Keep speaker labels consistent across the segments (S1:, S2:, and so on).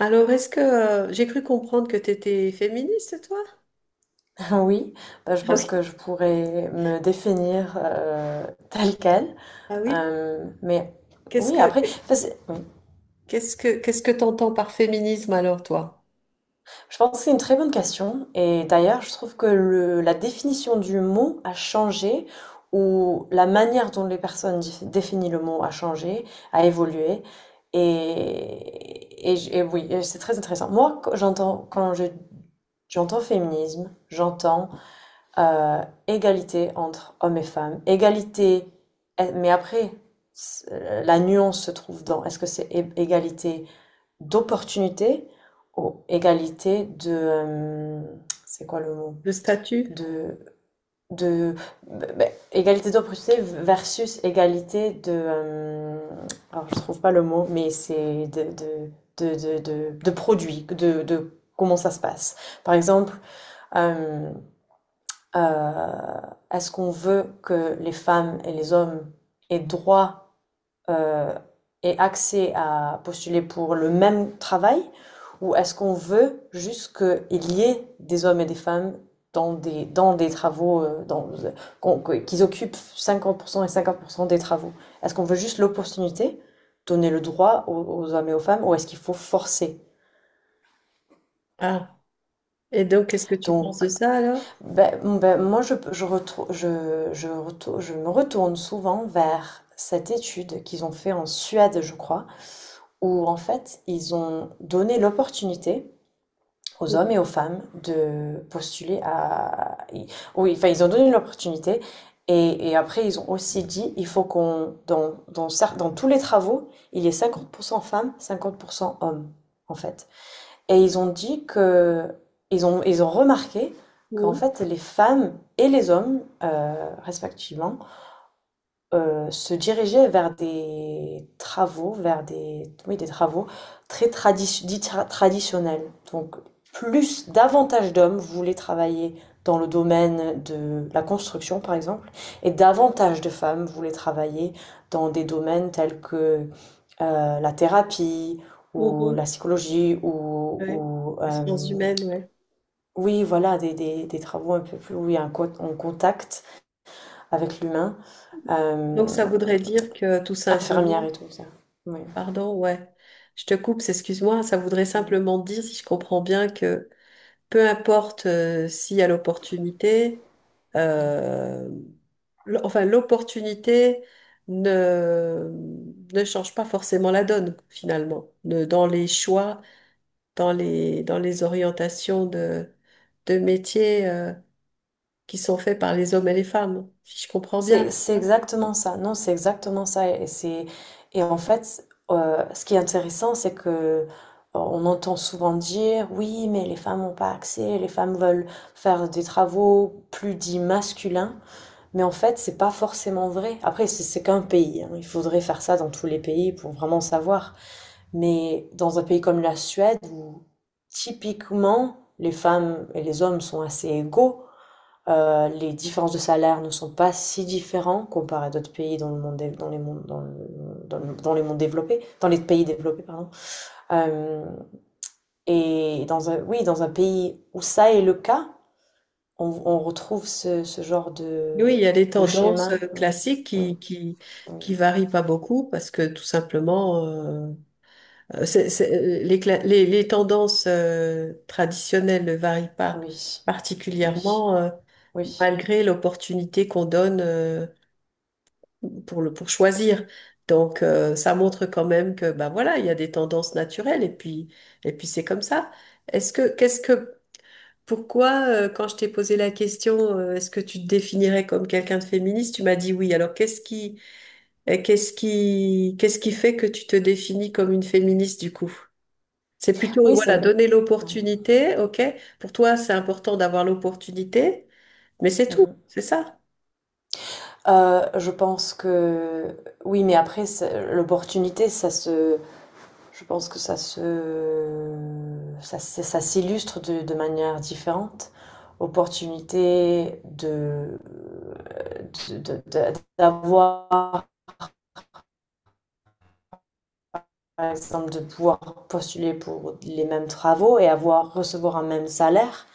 S1: Alors, est-ce que j'ai cru comprendre que tu étais féministe, toi?
S2: Enfin, oui, bah, je
S1: Ah oui.
S2: pense que je pourrais me définir telle quelle.
S1: Ah oui.
S2: Mais
S1: Qu'est-ce
S2: oui,
S1: que
S2: après, enfin, oui.
S1: qu'est-ce que t'entends par féminisme alors, toi?
S2: Je pense que c'est une très bonne question. Et d'ailleurs, je trouve que la définition du mot a changé, ou la manière dont les personnes définissent le mot a changé, a évolué. Et oui, et c'est très intéressant. Moi, quand j'entends, j'entends féminisme, j'entends euh, égalité entre hommes et femmes, égalité, mais après, la nuance se trouve dans est-ce que c'est égalité d'opportunité ou égalité de, c'est quoi le mot?
S1: Le statut?
S2: De... de Ben, égalité d'opportunité versus égalité de, alors, je trouve pas le mot, mais c'est de produits, de comment ça se passe. Par exemple, euh, euh, est-ce qu'on veut que les femmes et les hommes aient droit euh, et accès à postuler pour le même travail, ou est-ce qu'on veut juste qu'il y ait des hommes et des femmes dans des travaux, qu'ils occupent 50% et 50% des travaux? Est-ce qu'on veut juste l'opportunité, donner le droit aux hommes et aux femmes, ou est-ce qu'il faut forcer?
S1: Ah. Et donc, qu'est-ce que tu penses
S2: Donc,
S1: de ça alors?
S2: Moi, je, retrou- je, retou- je me retourne souvent vers cette étude qu'ils ont fait en Suède, je crois, où en fait, ils ont donné l'opportunité aux hommes
S1: Mhm.
S2: et aux femmes de postuler à... Oui, enfin, ils ont donné l'opportunité, et après, ils ont aussi dit, il faut qu'on, dans tous les travaux, il y ait 50% femmes, 50% hommes, en fait. Et ils ont dit que ils ont remarqué qu'en
S1: Mhm.
S2: fait les femmes et les hommes, respectivement, se dirigeaient vers des travaux, vers des oui, des travaux très traditio dits tra traditionnels. Donc plus davantage d'hommes voulaient travailler dans le domaine de la construction, par exemple, et davantage de femmes voulaient travailler dans des domaines tels que la thérapie ou la
S1: Mhm.
S2: psychologie, ou,
S1: Ouais.
S2: ou,
S1: Les sciences
S2: euh,
S1: humaines, ouais.
S2: oui voilà, des travaux un peu plus où il y a un en contact avec l'humain,
S1: Donc,
S2: euh,
S1: ça voudrait dire que tout
S2: infirmière
S1: simplement,
S2: et tout ça, oui.
S1: pardon, ouais. Je te coupe, c'est- excuse-moi, ça voudrait
S2: Mm.
S1: simplement dire, si je comprends bien, que peu importe s'il y a l'opportunité,
S2: Oui.
S1: euh, enfin l'opportunité ne, ne change pas forcément la donne finalement, dans les choix, dans les orientations de métiers qui sont faits par les hommes et les femmes, si je comprends bien.
S2: C'est exactement ça, non, c'est exactement ça, et en fait ce qui est intéressant, c'est que on entend souvent dire, oui, mais les femmes n'ont pas accès, les femmes veulent faire des travaux plus dits masculins. Mais en fait, c'est pas forcément vrai. Après, c'est qu'un pays, hein. Il faudrait faire ça dans tous les pays pour vraiment savoir. Mais dans un pays comme la Suède, où typiquement les femmes et les hommes sont assez égaux, les différences de salaire ne sont pas si différentes comparées à d'autres pays dans le monde, dans les mondes, dans le- dans le- dans les mondes développés, dans les pays développés, pardon. Euh, et dans un, oui, dans un pays où ça est le cas, on retrouve ce genre
S1: Oui, il y a des
S2: de
S1: tendances
S2: schéma. Oui.
S1: classiques
S2: Oui. Oui,
S1: qui varient pas beaucoup parce que tout simplement les, les tendances traditionnelles ne varient pas
S2: oui, oui,
S1: particulièrement
S2: oui.
S1: malgré l'opportunité qu'on donne pour le, pour choisir. Donc ça montre quand même que bah voilà, il y a des tendances naturelles et puis c'est comme ça. Est-ce que qu'est-ce que pourquoi quand je t'ai posé la question est-ce que tu te définirais comme quelqu'un de féministe, tu m'as dit oui. Alors qu'est-ce qui fait que tu te définis comme une féministe du coup? C'est plutôt,
S2: Oui, c'est
S1: voilà, donner
S2: une... ouais.
S1: l'opportunité, ok? Pour toi, c'est important d'avoir l'opportunité, mais c'est tout,
S2: Mhm.
S1: c'est ça?
S2: Je pense que... Oui, mais après, l'opportunité, ça se... Je pense que ça se... Ça s'illustre de, manière différente. Opportunité d'avoir, par exemple, de pouvoir postuler pour les mêmes travaux et recevoir un même salaire,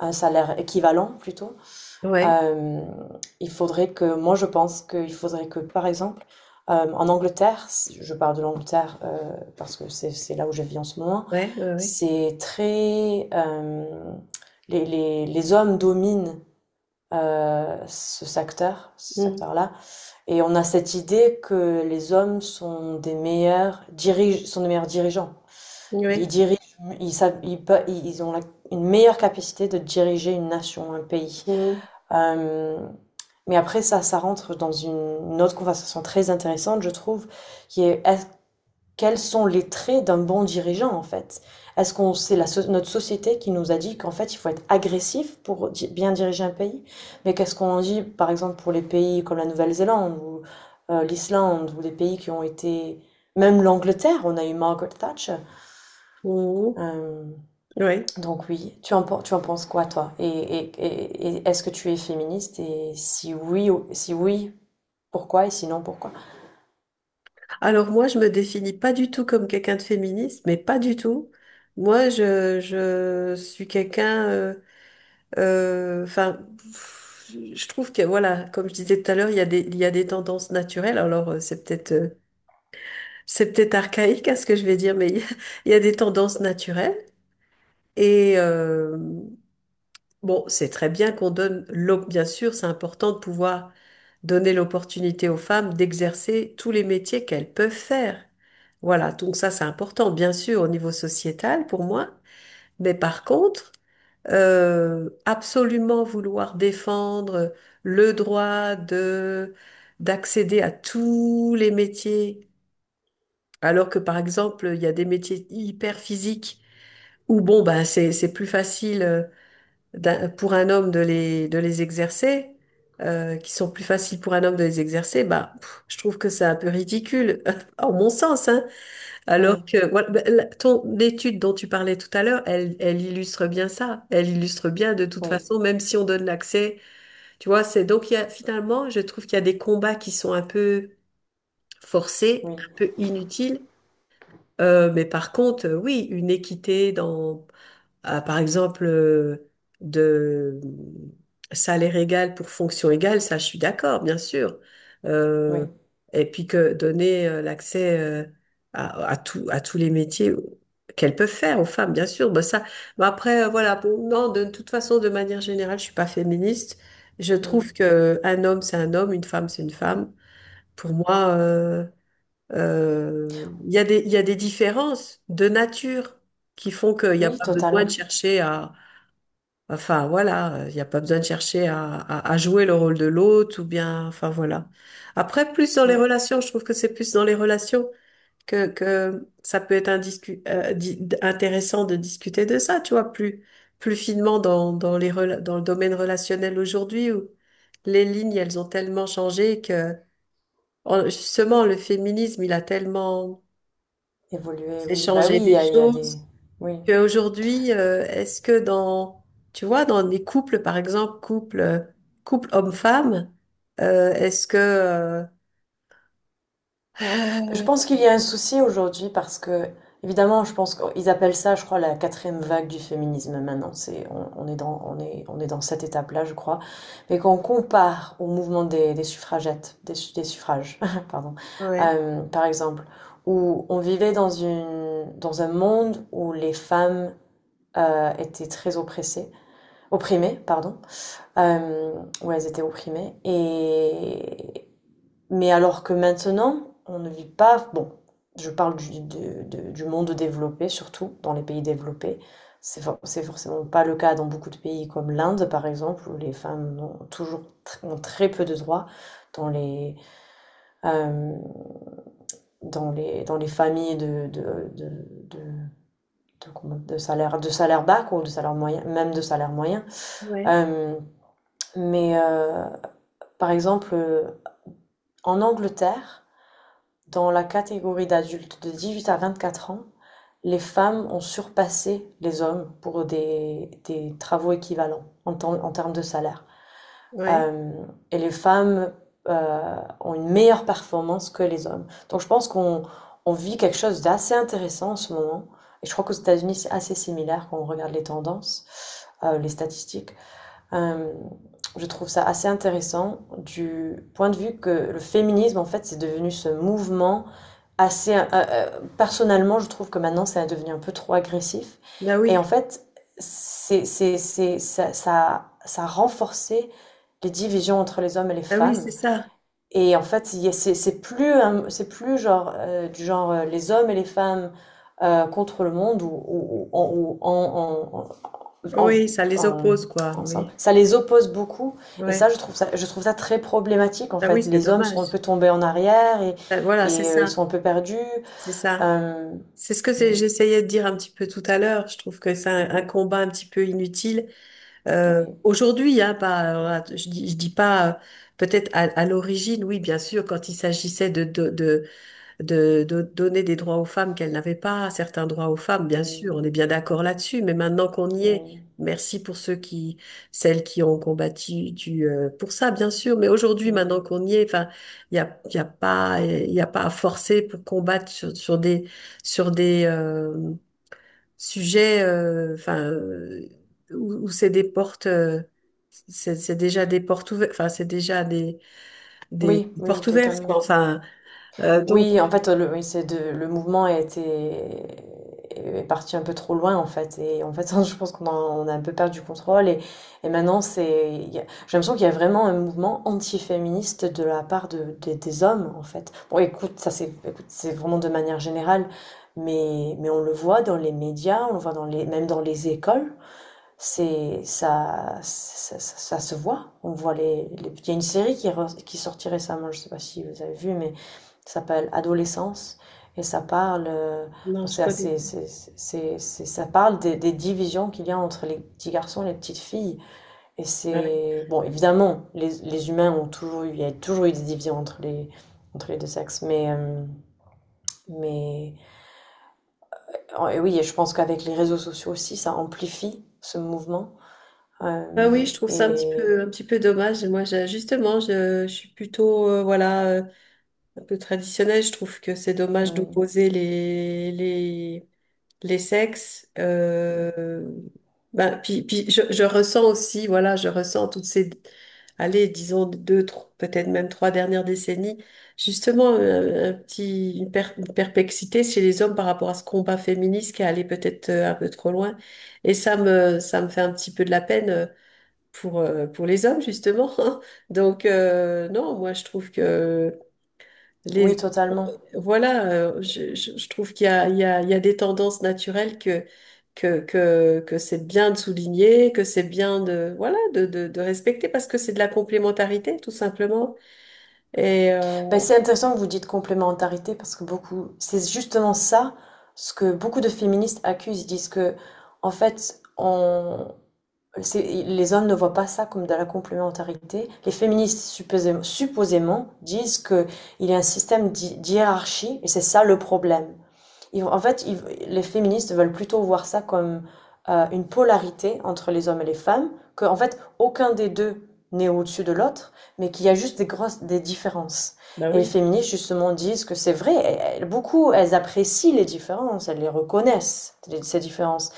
S2: un salaire équivalent plutôt.
S1: Ouais,
S2: Il faudrait que, moi je pense qu'il faudrait que par exemple, en Angleterre, je parle de l'Angleterre, parce que c'est là où je vis en ce moment.
S1: ouais, ouais, ouais.
S2: C'est très, hem, les hommes dominent, ce
S1: Mm,
S2: secteur-là, et on a cette idée que les hommes sont des meilleurs dirige sont des meilleurs dirigeants. Ils
S1: ouais,
S2: dirigent, ils savent ils pe ils ont la une meilleure capacité de diriger une nation, un pays.
S1: mm,
S2: Hem Mais après ça, ça rentre dans une autre conversation très intéressante, je trouve, qui est quels sont les traits d'un bon dirigeant, en fait? Est-ce qu'on C'est la notre société qui nous a dit qu'en fait il faut être agressif pour bien diriger un pays? Mais qu'est-ce qu'on dit par exemple pour les pays comme la Nouvelle-Zélande, ou l'Islande, ou des pays qui ont été, même l'Angleterre, on a eu Margaret Thatcher.
S1: mm,
S2: Euh,
S1: ouais.
S2: donc oui, tu en penses quoi, toi? Et est-ce que tu es féministe? Et si oui, si oui, pourquoi, et sinon pourquoi?
S1: Alors moi, je me définis pas du tout comme quelqu'un de féministe, mais pas du tout. Moi, je suis quelqu'un, enfin, pff, je trouve que, voilà, comme je disais tout à l'heure, il y a des tendances naturelles. Alors, c'est peut-être archaïque à ce que je vais dire, mais il y a des tendances naturelles. Et bon, c'est très bien qu'on donne, bien sûr, c'est important de pouvoir donner l'opportunité aux femmes d'exercer tous les métiers qu'elles peuvent faire. Voilà, donc ça c'est important, bien sûr, au niveau sociétal pour moi. Mais par contre, absolument vouloir défendre le droit de d'accéder à tous les métiers, alors que par exemple, il y a des métiers hyper physiques où bon, ben c'est plus facile. Pour un homme de de les exercer, qui sont plus faciles pour un homme de les exercer, bah, pff, je trouve que c'est un peu ridicule, en mon sens, hein. Alors
S2: Mmh.
S1: que voilà, bah, ton étude dont tu parlais tout à l'heure, elle illustre bien ça. Elle illustre bien de toute
S2: Oui,
S1: façon, même si on donne l'accès, tu vois, c'est donc il y a, finalement, je trouve qu'il y a des combats qui sont un peu forcés,
S2: oui,
S1: un peu inutiles. Mais par contre, oui, une équité dans à, par exemple, de salaire égal pour fonction égale, ça, je suis d'accord, bien sûr. Euh,
S2: oui.
S1: et puis que donner l'accès à tout, à tous les métiers qu'elles peuvent faire aux femmes, bien sûr. Bah, ça, bah, après, voilà, bon, non, de toute façon, de manière générale, je suis pas féministe. Je
S2: Mmh,
S1: trouve que un homme, c'est un homme, une femme, c'est une femme. Pour
S2: mmh.
S1: moi, Il y a des, il y a des différences de nature qui font qu'il n'y a
S2: Oui,
S1: pas besoin de
S2: totalement.
S1: chercher à, enfin voilà, il n'y a pas besoin de chercher à jouer le rôle de l'autre ou bien, enfin voilà. Après, plus dans les
S2: Oui,
S1: relations, je trouve que c'est plus dans les relations que ça peut être intéressant de discuter de ça, tu vois, plus, plus finement dans, dans le domaine relationnel aujourd'hui où les lignes, elles ont tellement changé que justement le féminisme, il a tellement
S2: évoluer,
S1: c'est
S2: oui. Bah oui,
S1: changer des
S2: il y a des.
S1: choses.
S2: Oui.
S1: Qu'aujourd'hui, est-ce que dans, tu vois, dans des couples, par exemple, couple, couple homme-femme, euh, est-ce que, euh,
S2: Je pense qu'il y a un souci aujourd'hui parce que, évidemment, je pense qu'ils appellent ça, je crois, la quatrième vague du féminisme maintenant. On est dans cette étape-là, je crois. Mais quand on compare au mouvement des suffragettes, des suffrages, pardon,
S1: ouais,
S2: par exemple, où on vivait dans une, dans un monde où les femmes étaient très oppressées, opprimées, pardon. Euh, ouais, elles étaient opprimées. Et... Mais alors que maintenant, on ne vit pas... Bon, je parle du monde développé, surtout dans les pays développés. C'est forcément pas le cas dans beaucoup de pays comme l'Inde, par exemple, où les femmes ont toujours ont très peu de droits dans les, euh, dans les familles de salaire, de salaire bas, ou de salaire moyen, même de salaire moyen.
S1: ouais,
S2: Euh, mais par exemple, en Angleterre, dans la catégorie d'adultes de 18 à 24 ans, les femmes ont surpassé les hommes pour des travaux équivalents en termes de salaire.
S1: ouais,
S2: Euh, et les femmes ont une meilleure performance que les hommes. Donc je pense qu'on on vit quelque chose d'assez intéressant en ce moment. Et je crois qu'aux États-Unis, c'est assez similaire quand on regarde les tendances, les statistiques. Euh, je trouve ça assez intéressant du point de vue que le féminisme, en fait, c'est devenu ce mouvement assez... personnellement, je trouve que maintenant, ça a devenu un peu trop agressif.
S1: bah
S2: Et en
S1: oui,
S2: fait, ça a renforcé les divisions entre les hommes et les
S1: bah oui, c'est
S2: femmes.
S1: ça.
S2: Et en fait, c'est plus genre, du genre les hommes et les femmes, contre le monde, ou en,
S1: Oui, ça les
S2: en-
S1: oppose, quoi,
S2: ensemble.
S1: oui,
S2: Ça les oppose beaucoup. Et ça,
S1: ouais.
S2: je trouve ça très problématique, en
S1: Bah oui,
S2: fait.
S1: c'est
S2: Les hommes sont un peu
S1: dommage.
S2: tombés en arrière, et,
S1: Bah voilà, c'est
S2: et euh, ils
S1: ça,
S2: sont un peu perdus.
S1: c'est ça.
S2: Euh,
S1: C'est ce que c'est-
S2: oui,
S1: J'essayais de dire un petit peu tout à l'heure. Je trouve que c'est un
S2: oui,
S1: combat un petit peu inutile
S2: oui,
S1: aujourd'hui, hein, pas, je dis pas, peut-être à l'origine, oui, bien sûr, quand il s'agissait de donner des droits aux femmes qu'elles n'avaient pas, certains droits aux femmes, bien
S2: oui,
S1: sûr, on est bien d'accord là-dessus, mais maintenant qu'on y est,
S2: oui,
S1: merci pour ceux qui, celles qui ont combattu du, pour ça, bien sûr, mais aujourd'hui, maintenant
S2: oui,
S1: qu'on y est, enfin, il y a pas, il y a pas à forcer pour combattre sur des, sujet, enfin, où c'est des portes, c'est déjà des portes ouvertes, enfin, c'est déjà des
S2: oui, oui,
S1: portes ouvertes,
S2: totalement.
S1: quoi. Enfin, donc,
S2: Oui, en fait, le, oui, c'est de, le mouvement est parti un peu trop loin, en fait. Et en fait, je pense on a un peu perdu contrôle. Et maintenant, c'est, il y a- j'ai l'impression qu'il y a vraiment un mouvement anti-féministe de la part de, des hommes, en fait. Bon, écoute, c'est vraiment de manière générale. Mais on le voit dans les médias, on le voit même dans les écoles, c'est ça, ça, ça, ça se voit. On voit il y a une série qui sortit récemment, je ne sais pas si vous avez vu, mais ça s'appelle Adolescence, et ça parle,
S1: non,
S2: bon,
S1: je
S2: c'est
S1: connais
S2: assez,
S1: pas.
S2: c'est- ça parle des divisions qu'il y a entre les petits garçons et les petites filles. Et
S1: Ah oui,
S2: c'est bon, évidemment, les humains il y a toujours eu des divisions entre les deux sexes, mais oh, et oui, et je pense qu'avec les réseaux sociaux aussi, ça amplifie ce mouvement.
S1: Ah
S2: Euh,
S1: oui, je trouve ça
S2: et
S1: un petit peu dommage. Moi, justement, je suis plutôt, voilà, un peu traditionnel. Je trouve que c'est dommage
S2: oui,
S1: d'opposer les sexes.
S2: oui.
S1: Ben, puis puis je ressens aussi, voilà, je ressens toutes ces, allez, disons peut-être même trois dernières décennies, justement un petit, une perplexité chez les hommes par rapport à ce combat féministe qui est allé peut-être un peu trop loin. Et ça me fait un petit peu de la peine. Pour les hommes, justement. Donc, non, moi, je trouve que
S2: Oui,
S1: les...
S2: totalement.
S1: Voilà, je trouve qu'il y a, il y a, il y a des tendances naturelles que, que c'est bien de souligner, que c'est bien de, voilà, de respecter parce que c'est de la complémentarité, tout simplement. Et
S2: Ben, c'est intéressant que vous dites complémentarité, parce que beaucoup, c'est justement ça ce que beaucoup de féministes accusent. Ils disent que, en fait, les hommes ne voient pas ça comme de la complémentarité. Les féministes supposément disent que il y a un système d'hiérarchie, et c'est ça le problème. Ils en fait, ils- les féministes veulent plutôt voir ça comme une polarité entre les hommes et les femmes, que en fait aucun des deux n'est au-dessus de l'autre, mais qu'il y a juste des grosses des différences.
S1: bah
S2: Et les
S1: oui.
S2: féministes justement disent que c'est vrai, beaucoup elles apprécient les différences, elles les reconnaissent, ces différences.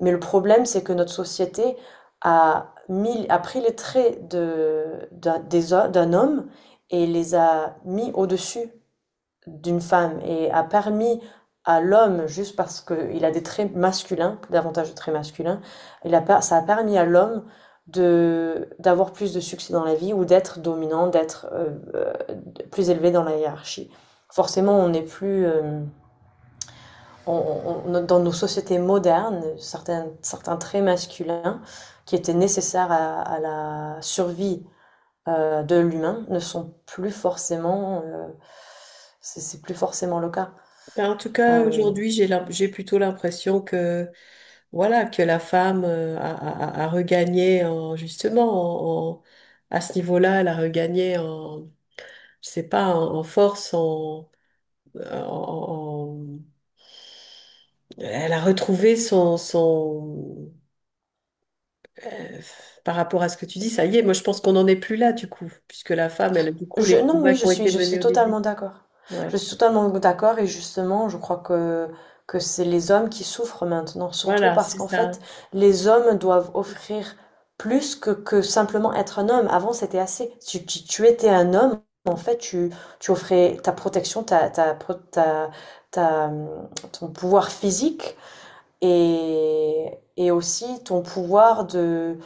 S2: Mais le problème, c'est que notre société a pris les traits de d'un des ho- d'un homme et les a mis au-dessus d'une femme, et a permis à l'homme, juste parce qu'il a des traits masculins, davantage de traits masculins, ça a permis à l'homme de d'avoir plus de succès dans la vie, ou d'être dominant, d'être plus élevé dans la hiérarchie. Forcément, on n'est plus on- dans nos sociétés modernes, certains traits masculins qui étaient nécessaires à la survie de l'humain ne sont plus forcément, c'est plus forcément le cas.
S1: Ben, en tout cas,
S2: Euh,
S1: aujourd'hui, j'ai plutôt l'impression que, voilà, que la femme a, a, a a regagné en, justement, à ce niveau-là, elle a regagné en, je sais pas, en, en force, en- en- Elle a retrouvé son, son... euh, par rapport à ce que tu dis, ça y est, moi je pense qu'on n'en est plus là du coup, puisque la femme, elle, du coup, les
S2: non,
S1: combats
S2: oui,
S1: qui ont été
S2: je
S1: menés
S2: suis
S1: au début.
S2: totalement d'accord.
S1: Ouais,
S2: Je suis totalement d'accord, et justement, je crois que c'est les hommes qui souffrent maintenant, surtout
S1: voilà,
S2: parce
S1: c'est
S2: qu'en
S1: ça.
S2: fait, les hommes doivent offrir plus que simplement être un homme. Avant, c'était assez. Si tu étais un homme, en fait, tu offrais ta protection, ta, ta, pro- ta, ta, ton pouvoir physique, et, et aussi ton pouvoir de,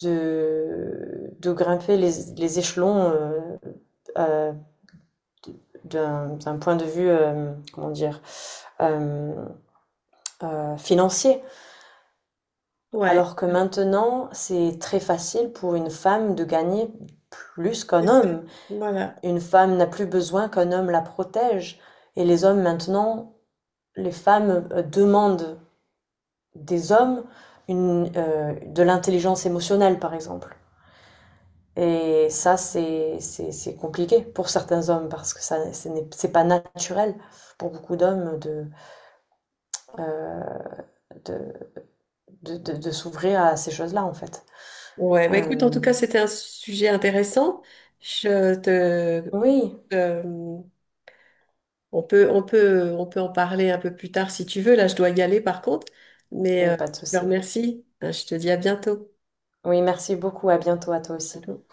S2: grimper les échelons, euh, d'un point de vue, comment dire, euh, financier.
S1: Ouais,
S2: Alors que maintenant, c'est très facile pour une femme de gagner plus qu'un
S1: c'est ça.
S2: homme.
S1: Voilà.
S2: Une femme n'a plus besoin qu'un homme la protège. Et les hommes maintenant, les femmes demandent des hommes de l'intelligence émotionnelle, par exemple. Et ça, c'est compliqué pour certains hommes parce que ça, ce n'est- c'est pas naturel pour beaucoup d'hommes euh, de, de s'ouvrir à ces choses-là, en fait.
S1: Ouais, bah écoute, en
S2: Euh,
S1: tout cas, c'était un sujet intéressant. Je te...
S2: oui,
S1: euh, on peut en parler un peu plus tard si tu veux. Là, je dois y aller par contre, mais
S2: oui, pas de
S1: je te
S2: souci.
S1: remercie. Hein, Je te dis à bientôt.
S2: Oui, merci beaucoup. À bientôt à toi
S1: À
S2: aussi.
S1: bientôt.